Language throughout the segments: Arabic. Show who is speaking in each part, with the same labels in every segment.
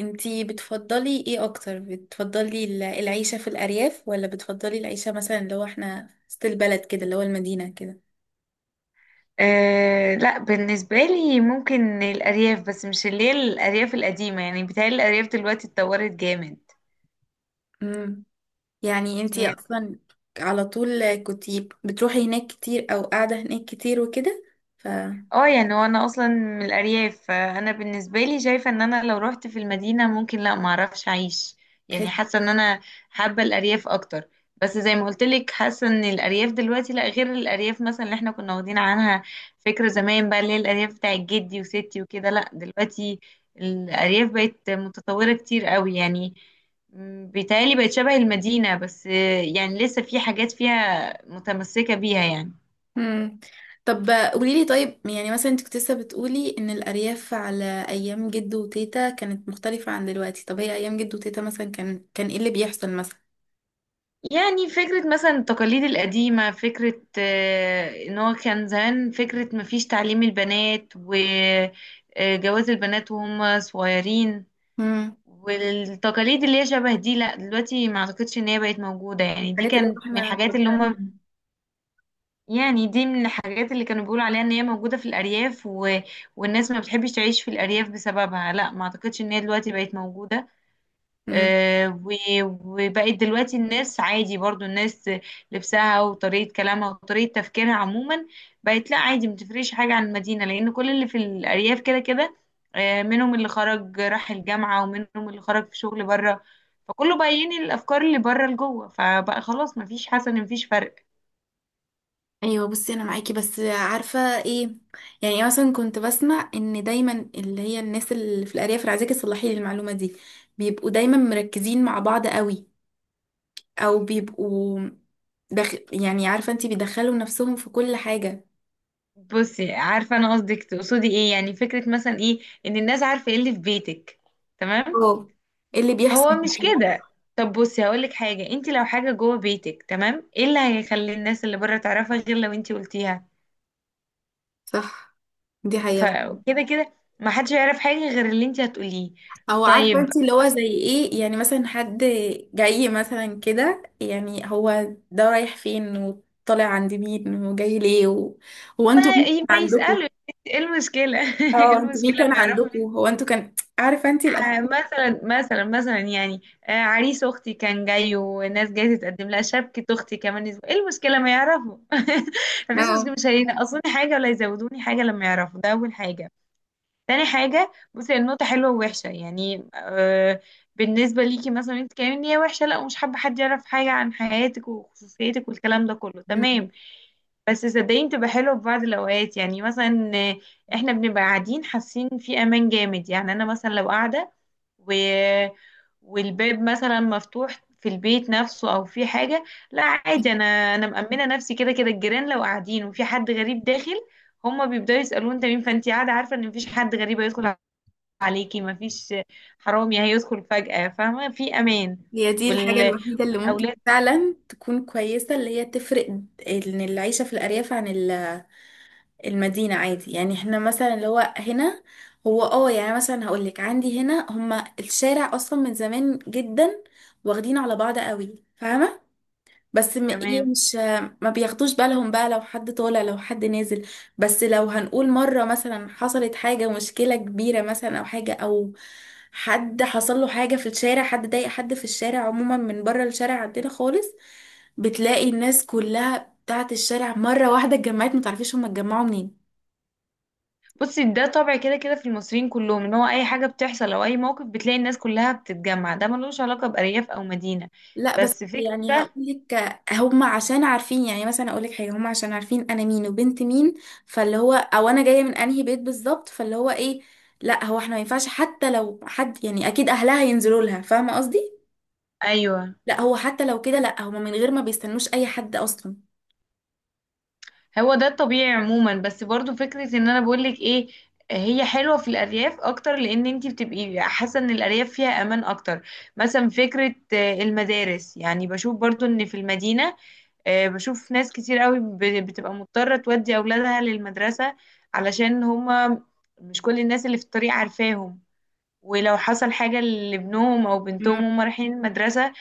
Speaker 1: انتي بتفضلي ايه اكتر؟ بتفضلي العيشة في الارياف ولا بتفضلي العيشة، مثلا اللي هو احنا وسط البلد كده، اللي هو المدينة كده؟
Speaker 2: أه، لا، بالنسبة لي ممكن الأرياف، بس مش اللي هي الأرياف القديمة، يعني بتهيألي الأرياف دلوقتي اتطورت جامد.
Speaker 1: امم يعني انتي
Speaker 2: يعني
Speaker 1: اصلا على طول كنتي بتروحي هناك كتير او قاعدة هناك كتير وكده، فتحسي.
Speaker 2: اه يعني وانا اصلا من الارياف، فانا بالنسبه لي شايفه ان انا لو رحت في المدينه ممكن، لا، ما اعرفش اعيش. يعني حاسه ان انا حابه الارياف اكتر. بس زي ما قلت لك، حاسه ان الارياف دلوقتي لا، غير الارياف مثلا اللي احنا كنا واخدين عنها فكره زمان، بقى اللي هي الارياف بتاعت جدي وستي وكده، لا دلوقتي الارياف بقت متطوره كتير قوي يعني. بيتهيألي بقت شبه المدينه، بس يعني لسه في حاجات فيها متمسكه بيها يعني.
Speaker 1: امم طب قوليلي، طيب يعني مثلا انت كنت لسه بتقولي ان الارياف على ايام جدو وتيتا كانت مختلفة عن دلوقتي، طب هي ايام جدو وتيتا مثلا كان ايه اللي بيحصل مثلا؟
Speaker 2: يعني فكرة مثلا التقاليد القديمة، فكرة، ان هو كان زمان، فكرة مفيش تعليم البنات وجواز البنات وهم صغيرين.
Speaker 1: امم
Speaker 2: والتقاليد اللي هي شبه دي، لا دلوقتي ما اعتقدش ان هي بقت موجودة، يعني دي
Speaker 1: الحاجات اللي هو
Speaker 2: كانت من
Speaker 1: احنا
Speaker 2: الحاجات
Speaker 1: ضروري
Speaker 2: اللي هم،
Speaker 1: عارفينها.
Speaker 2: يعني دي من الحاجات اللي كانوا بيقولوا عليها ان هي موجودة في الارياف، و والناس ما بتحبش تعيش في الارياف بسببها. لا، ما اعتقدش ان هي دلوقتي بقت موجودة. آه، و- وبقت دلوقتي الناس عادي، برضو الناس لبسها وطريقة كلامها وطريقة تفكيرها عموما بقت، لا عادي متفرقش حاجة عن المدينة، لأن كل اللي في الأرياف كده كده. منهم اللي خرج راح الجامعة، ومنهم اللي خرج في شغل بره، فكله بقى ينقل الأفكار اللي بره لجوه، فبقى خلاص مفيش حسن، مفيش فرق.
Speaker 1: ايوه، بصي، انا معاكي بس عارفه ايه؟ يعني مثلا كنت بسمع ان دايما اللي هي الناس اللي في الارياف، انا عايزاكي تصلحي لي المعلومه دي، بيبقوا دايما مركزين مع بعض قوي، او بيبقوا يعني عارفه انتي، بيدخلوا نفسهم في كل حاجه.
Speaker 2: بصي، عارفة أنا قصدك، تقصدي إيه، يعني فكرة مثلا إيه، إن الناس عارفة إيه اللي في بيتك. تمام،
Speaker 1: اه، إيه اللي بيحصل
Speaker 2: هو مش
Speaker 1: معاكي؟
Speaker 2: كده. طب بصي هقولك حاجة، انت لو حاجة جوه بيتك تمام، ايه اللي هيخلي الناس اللي بره تعرفها غير لو انت قلتيها؟
Speaker 1: صح، دي حقيقه.
Speaker 2: فكده كده ما حدش يعرف حاجة غير اللي انت هتقوليه.
Speaker 1: او عارفه
Speaker 2: طيب،
Speaker 1: انتي اللي هو
Speaker 2: عشان
Speaker 1: زي ايه؟ يعني مثلا حد جاي مثلا كده، يعني هو ده رايح فين وطالع عند مين وجاي ليه و... هو
Speaker 2: ما
Speaker 1: انتوا مين
Speaker 2: ما
Speaker 1: عندكم؟
Speaker 2: يسألوا. ايه المشكلة ايه
Speaker 1: اه، انتوا مين
Speaker 2: المشكلة
Speaker 1: كان
Speaker 2: ما يعرفوا
Speaker 1: عندكم؟
Speaker 2: مين؟
Speaker 1: هو انتوا كان عارفه انت
Speaker 2: آه،
Speaker 1: الاسئله.
Speaker 2: مثلا مثلا مثلا يعني، عريس اختي كان جاي، وناس جايه تتقدم لها شبكة اختي كمان اسبوع، ايه المشكلة ما يعرفوا؟ مفيش
Speaker 1: اه.
Speaker 2: مشكلة، مش هينقصوني حاجة ولا يزودوني حاجة لما يعرفوا. ده اول حاجة. تاني حاجة، بصي النقطة حلوة ووحشة يعني، بالنسبة ليكي مثلا انت كمان ان هي وحشة، لا، ومش حابة حد يعرف حاجة عن حياتك وخصوصيتك والكلام ده كله،
Speaker 1: مم.
Speaker 2: تمام. بس صدقيني، بتبقى حلوة في بعض الأوقات، يعني مثلا احنا بنبقى قاعدين حاسين في أمان جامد. يعني أنا مثلا لو قاعدة، و والباب مثلا مفتوح في البيت نفسه أو في حاجة، لا عادي، أنا مأمنة نفسي كده كده. الجيران لو قاعدين وفي حد غريب داخل، هما بيبداوا يسألوه انت مين، فانت قاعدة عارفة ان مفيش حد غريب هيدخل عليكي، مفيش حرامي هيدخل فجأة، فاهمة، في امان.
Speaker 1: هي دي الحاجه
Speaker 2: وال...
Speaker 1: الوحيده اللي ممكن
Speaker 2: والاولاد،
Speaker 1: فعلا تكون كويسه، اللي هي تفرق ان العيشه في الارياف عن المدينه، عادي. يعني احنا مثلا اللي هو هنا، هو اه يعني مثلا هقول لك، عندي هنا هما الشارع اصلا من زمان جدا واخدين على بعض قوي، فاهمه؟ بس ايه،
Speaker 2: تمام.
Speaker 1: مش ما بياخدوش بالهم بقى لو حد طالع لو حد نازل. بس لو هنقول مرة مثلا حصلت حاجة، مشكلة كبيرة مثلا او حاجة او حد حصل له حاجة في الشارع، حد ضايق حد في الشارع عموما، من بره الشارع عندنا خالص، بتلاقي الناس كلها بتاعت الشارع مرة واحدة اتجمعت، متعرفيش هما اتجمعوا منين.
Speaker 2: بصي ده طبع كده كده في المصريين كلهم، ان هو اي حاجة بتحصل او اي موقف بتلاقي الناس كلها بتتجمع، ده ملوش علاقة بأرياف او مدينة،
Speaker 1: لا بس
Speaker 2: بس فكرة
Speaker 1: يعني هقول
Speaker 2: ده.
Speaker 1: لك، هم عشان عارفين، يعني مثلا اقول لك حاجه، هم عشان عارفين انا مين وبنت مين، فاللي هو او انا جايه من انهي بيت بالظبط، فاللي هو ايه. لا هو احنا ما ينفعش حتى لو حد، يعني اكيد اهلها ينزلوا لها، فاهمه قصدي؟
Speaker 2: ايوه،
Speaker 1: لا هو حتى لو كده، لا هم من غير ما بيستنوش اي حد اصلا.
Speaker 2: هو ده الطبيعي عموما، بس برضو فكرة ان انا بقولك ايه، هي حلوة في الأرياف أكتر، لأن انتي بتبقي حاسة ان الأرياف فيها أمان أكتر. مثلا فكرة المدارس، يعني بشوف برضو ان في المدينة، بشوف ناس كتير قوي بتبقى مضطرة تودي أولادها للمدرسة علشان هما مش كل الناس اللي في الطريق عارفاهم، ولو حصل حاجة لابنهم أو
Speaker 1: امم
Speaker 2: بنتهم هما رايحين المدرسة.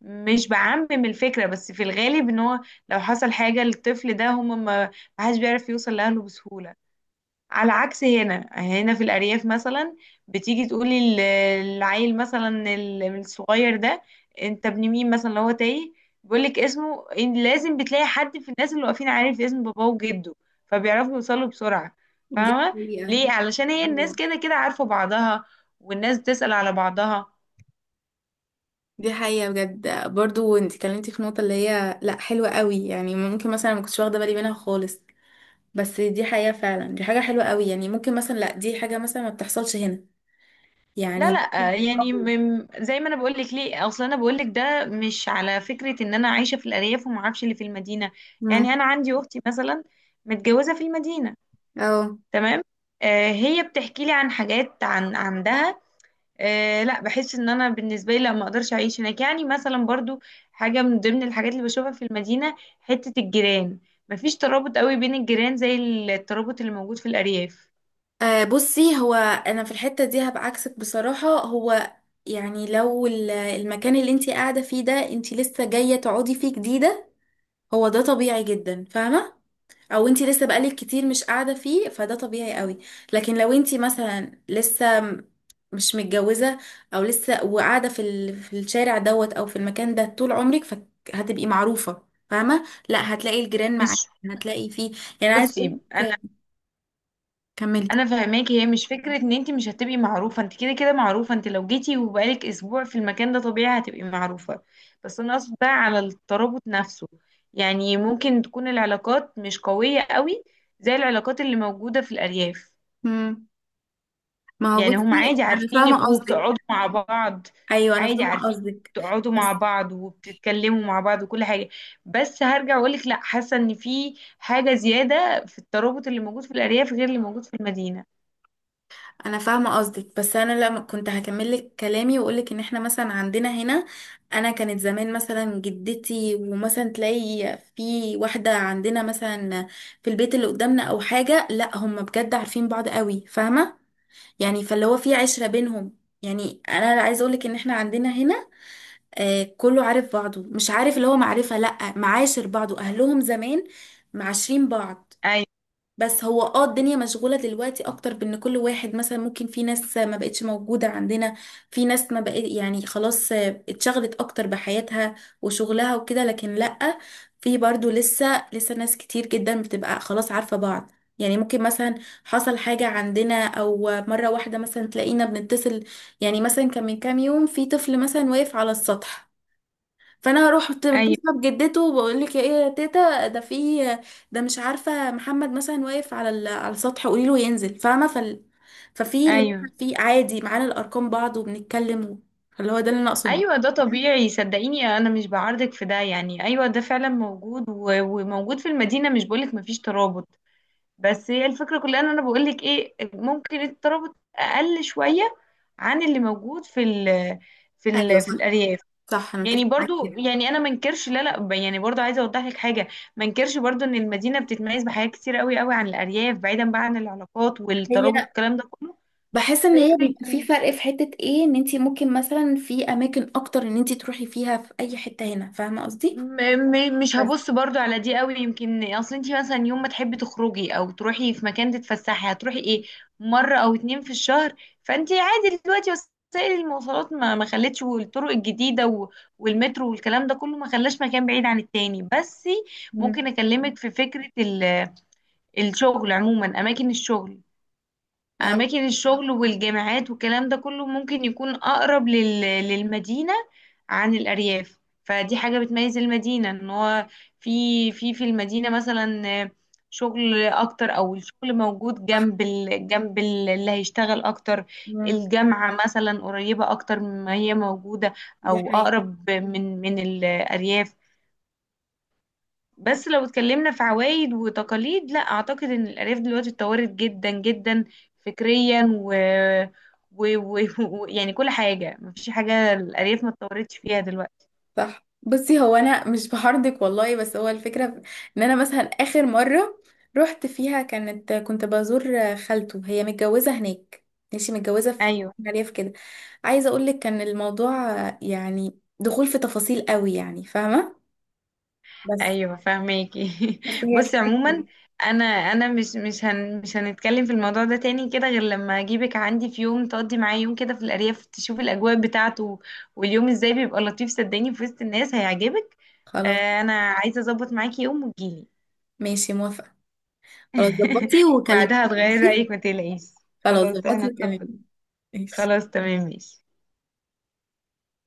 Speaker 2: مش بعمم الفكرة، بس في الغالب ان هو لو حصل حاجة للطفل ده، هم ما حدش بيعرف يوصل لأهله بسهولة. على عكس هنا في الأرياف مثلا بتيجي تقولي العيل مثلا، الصغير ده انت ابن مين مثلا، لو هو تايه بيقولك اسمه، إن لازم بتلاقي حد في الناس اللي واقفين عارف اسم باباه وجده، فبيعرفوا يوصلوا بسرعة،
Speaker 1: دي
Speaker 2: فاهمة.
Speaker 1: حقيقة.
Speaker 2: ليه؟ علشان هي الناس
Speaker 1: أيوة.
Speaker 2: كده كده عارفة بعضها، والناس تسأل على بعضها.
Speaker 1: دي حقيقة بجد، برضو انت اتكلمتي في نقطة اللي هي لا حلوة قوي، يعني ممكن مثلا ما كنتش واخدة بالي منها خالص. بس دي حقيقة فعلا، دي حاجة حلوة قوي، يعني ممكن مثلا لا دي حاجة مثلا ما بتحصلش هنا.
Speaker 2: لا، لا،
Speaker 1: يعني.
Speaker 2: آه، يعني م- زي ما انا بقول لك ليه، اصل انا بقول لك ده مش على فكره ان انا عايشه في الارياف وما اعرفش اللي في المدينه. يعني
Speaker 1: امم
Speaker 2: انا عندي اختي مثلا متجوزه في المدينه،
Speaker 1: اه.
Speaker 2: تمام، هي بتحكي لي عن حاجات عن عندها. لا، بحس ان انا بالنسبه لي لا ما اقدرش اعيش هناك، يعني مثلا برضو حاجه من ضمن الحاجات اللي بشوفها في المدينه، حته الجيران مفيش ترابط قوي بين الجيران زي الترابط اللي موجود في الارياف،
Speaker 1: بصي هو انا في الحتة دي هبقى عكسك بصراحة. هو يعني لو المكان اللي انتي قاعدة فيه ده، انتي لسه جاية تقعدي فيه جديدة، هو ده طبيعي جدا، فاهمة؟ او انتي لسه بقالك كتير مش قاعده فيه، فده طبيعي قوي. لكن لو انتي مثلا لسه مش متجوزه، او لسه وقاعده في الشارع دوت او في المكان ده طول عمرك، فهتبقي معروفه، فاهمه؟ لا هتلاقي الجيران معاكي،
Speaker 2: مش.
Speaker 1: هتلاقي فيه. يعني عايز
Speaker 2: بصي، انا
Speaker 1: اقولك. كملي.
Speaker 2: انا فاهماكي. هي مش فكره ان انت مش هتبقي معروفه، انت كده كده معروفه، انت لو جيتي وبقالك اسبوع في المكان ده طبيعي هتبقي معروفه. بس انا قصدي بقى على الترابط نفسه، يعني ممكن تكون العلاقات مش قويه قوي زي العلاقات اللي موجوده في الارياف.
Speaker 1: مم. ما هو
Speaker 2: يعني هم
Speaker 1: بصي
Speaker 2: عادي
Speaker 1: انا فاهمه
Speaker 2: عارفينك
Speaker 1: قصدك.
Speaker 2: وبتقعدوا مع بعض،
Speaker 1: ايوه
Speaker 2: عادي عارفين بتقعدوا مع
Speaker 1: بس
Speaker 2: بعض وبتتكلموا مع بعض وكل حاجه، بس هرجع اقولك لا، حاسه ان في حاجه زياده في الترابط اللي موجود في الارياف غير اللي موجود في المدينه.
Speaker 1: انا فاهمه قصدك، بس انا لما كنت هكمل لك كلامي واقول لك ان احنا مثلا عندنا هنا. انا كانت زمان مثلا جدتي، ومثلا تلاقي في واحده عندنا مثلا في البيت اللي قدامنا او حاجه، لا هم بجد عارفين بعض قوي، فاهمه؟ يعني فاللي هو في عشره بينهم. يعني انا عايزه اقول لك ان احنا عندنا هنا كله عارف بعضه، مش عارف اللي هو معرفه، لا معاشر بعضه، اهلهم زمان معاشرين بعض.
Speaker 2: ايوه،
Speaker 1: بس هو الدنيا مشغولة دلوقتي اكتر، بان كل واحد مثلا ممكن، في ناس ما بقتش موجودة عندنا، في ناس ما بقت، يعني خلاص اتشغلت اكتر بحياتها وشغلها وكده، لكن لأ، في برضو لسه ناس كتير جدا بتبقى خلاص عارفة بعض. يعني ممكن مثلا حصل حاجة عندنا، او مرة واحدة مثلا تلاقينا بنتصل. يعني مثلا كان من كام يوم في طفل مثلا واقف على السطح، فانا هروح
Speaker 2: ايوه،
Speaker 1: اتصل بجدته وبقول لك، يا ايه يا تيتا ده في، ده مش عارفه محمد مثلا واقف على على السطح، قولي له ينزل، فاهمه؟ ففي اللي هو
Speaker 2: ايوه،
Speaker 1: في عادي معانا الارقام بعض وبنتكلم فاللي هو ده اللي انا اقصده.
Speaker 2: ايوه، ده طبيعي. صدقيني انا مش بعارضك في ده، يعني ايوه ده فعلا موجود و- وموجود في المدينه، مش بقولك مفيش ترابط. بس هي الفكره كلها ان انا بقولك ايه، ممكن الترابط اقل شويه عن اللي موجود
Speaker 1: ايوه
Speaker 2: في
Speaker 1: صح.
Speaker 2: الارياف.
Speaker 1: صح، انا
Speaker 2: يعني
Speaker 1: متفق معاكي
Speaker 2: برضو،
Speaker 1: جدا.
Speaker 2: يعني انا منكرش، لا، لا، يعني برضو عايزه اوضح لك حاجه، منكرش برضو ان المدينه بتتميز بحاجات كتير قوي قوي عن الارياف بعيدا بقى عن العلاقات
Speaker 1: هي
Speaker 2: والترابط الكلام ده كله.
Speaker 1: بحس ان هي
Speaker 2: فكره،
Speaker 1: بيبقى في فرق، في حته ايه ان انت ممكن مثلا في اماكن اكتر ان انت تروحي فيها في اي حته هنا، فاهمه قصدي؟
Speaker 2: م- مش
Speaker 1: بس.
Speaker 2: هبص برضو على دي قوي، يمكن اصل انتي مثلا يوم ما تحبي تخرجي او تروحي في مكان تتفسحي، هتروحي ايه، مرة او اتنين في الشهر. فانتي عادي، دلوقتي وسائل المواصلات ما خلتش، والطرق الجديدة و- والمترو والكلام ده كله ما خلاش مكان بعيد عن التاني، بس ممكن
Speaker 1: مم.
Speaker 2: اكلمك في فكرة الشغل عموما، اماكن الشغل
Speaker 1: اه
Speaker 2: اماكن الشغل والجامعات والكلام ده كله ممكن يكون اقرب للمدينة عن الارياف. فدي حاجة بتميز المدينة ان هو في المدينة مثلا شغل اكتر، او الشغل موجود
Speaker 1: صح.
Speaker 2: اللي هيشتغل اكتر.
Speaker 1: مم.
Speaker 2: الجامعة مثلا قريبة اكتر ما هي موجودة،
Speaker 1: دي
Speaker 2: او
Speaker 1: حقيقة.
Speaker 2: اقرب من الارياف. بس لو اتكلمنا في عوايد وتقاليد، لا اعتقد ان الارياف دلوقتي اتطورت جدا جدا، فكريا يعني كل حاجه مفيش حاجه الارياف ما اتطورتش فيها دلوقتي.
Speaker 1: صح، بصي هو انا مش بحرضك والله، بس هو الفكره ان انا مثلا اخر مره رحت فيها كنت بزور خالته، هي متجوزه هناك، ماشي، متجوزه في
Speaker 2: ايوه،
Speaker 1: الريف كده. عايزه اقول لك كان الموضوع يعني دخول في تفاصيل قوي، يعني فاهمه. بس
Speaker 2: ايوه، فاهماكي.
Speaker 1: بس هي
Speaker 2: بصي
Speaker 1: الفكره
Speaker 2: عموما،
Speaker 1: دي.
Speaker 2: انا مش هنتكلم في الموضوع ده تاني كده، غير لما اجيبك عندي في يوم تقضي معايا يوم كده في الارياف، تشوف الاجواء بتاعته واليوم ازاي بيبقى لطيف، صدقني في وسط الناس هيعجبك.
Speaker 1: خلاص.
Speaker 2: انا عايزه اظبط معاكي يوم وتجيلي.
Speaker 1: ماشي، موافقه. خلاص، ظبطي
Speaker 2: بعدها
Speaker 1: وكلميني،
Speaker 2: هتغيري
Speaker 1: ماشي.
Speaker 2: رأيك، ما تقلقيش.
Speaker 1: خلاص،
Speaker 2: خلاص
Speaker 1: ظبطي
Speaker 2: احنا نطبق،
Speaker 1: وكلميني، ماشي.
Speaker 2: خلاص تمام ماشي.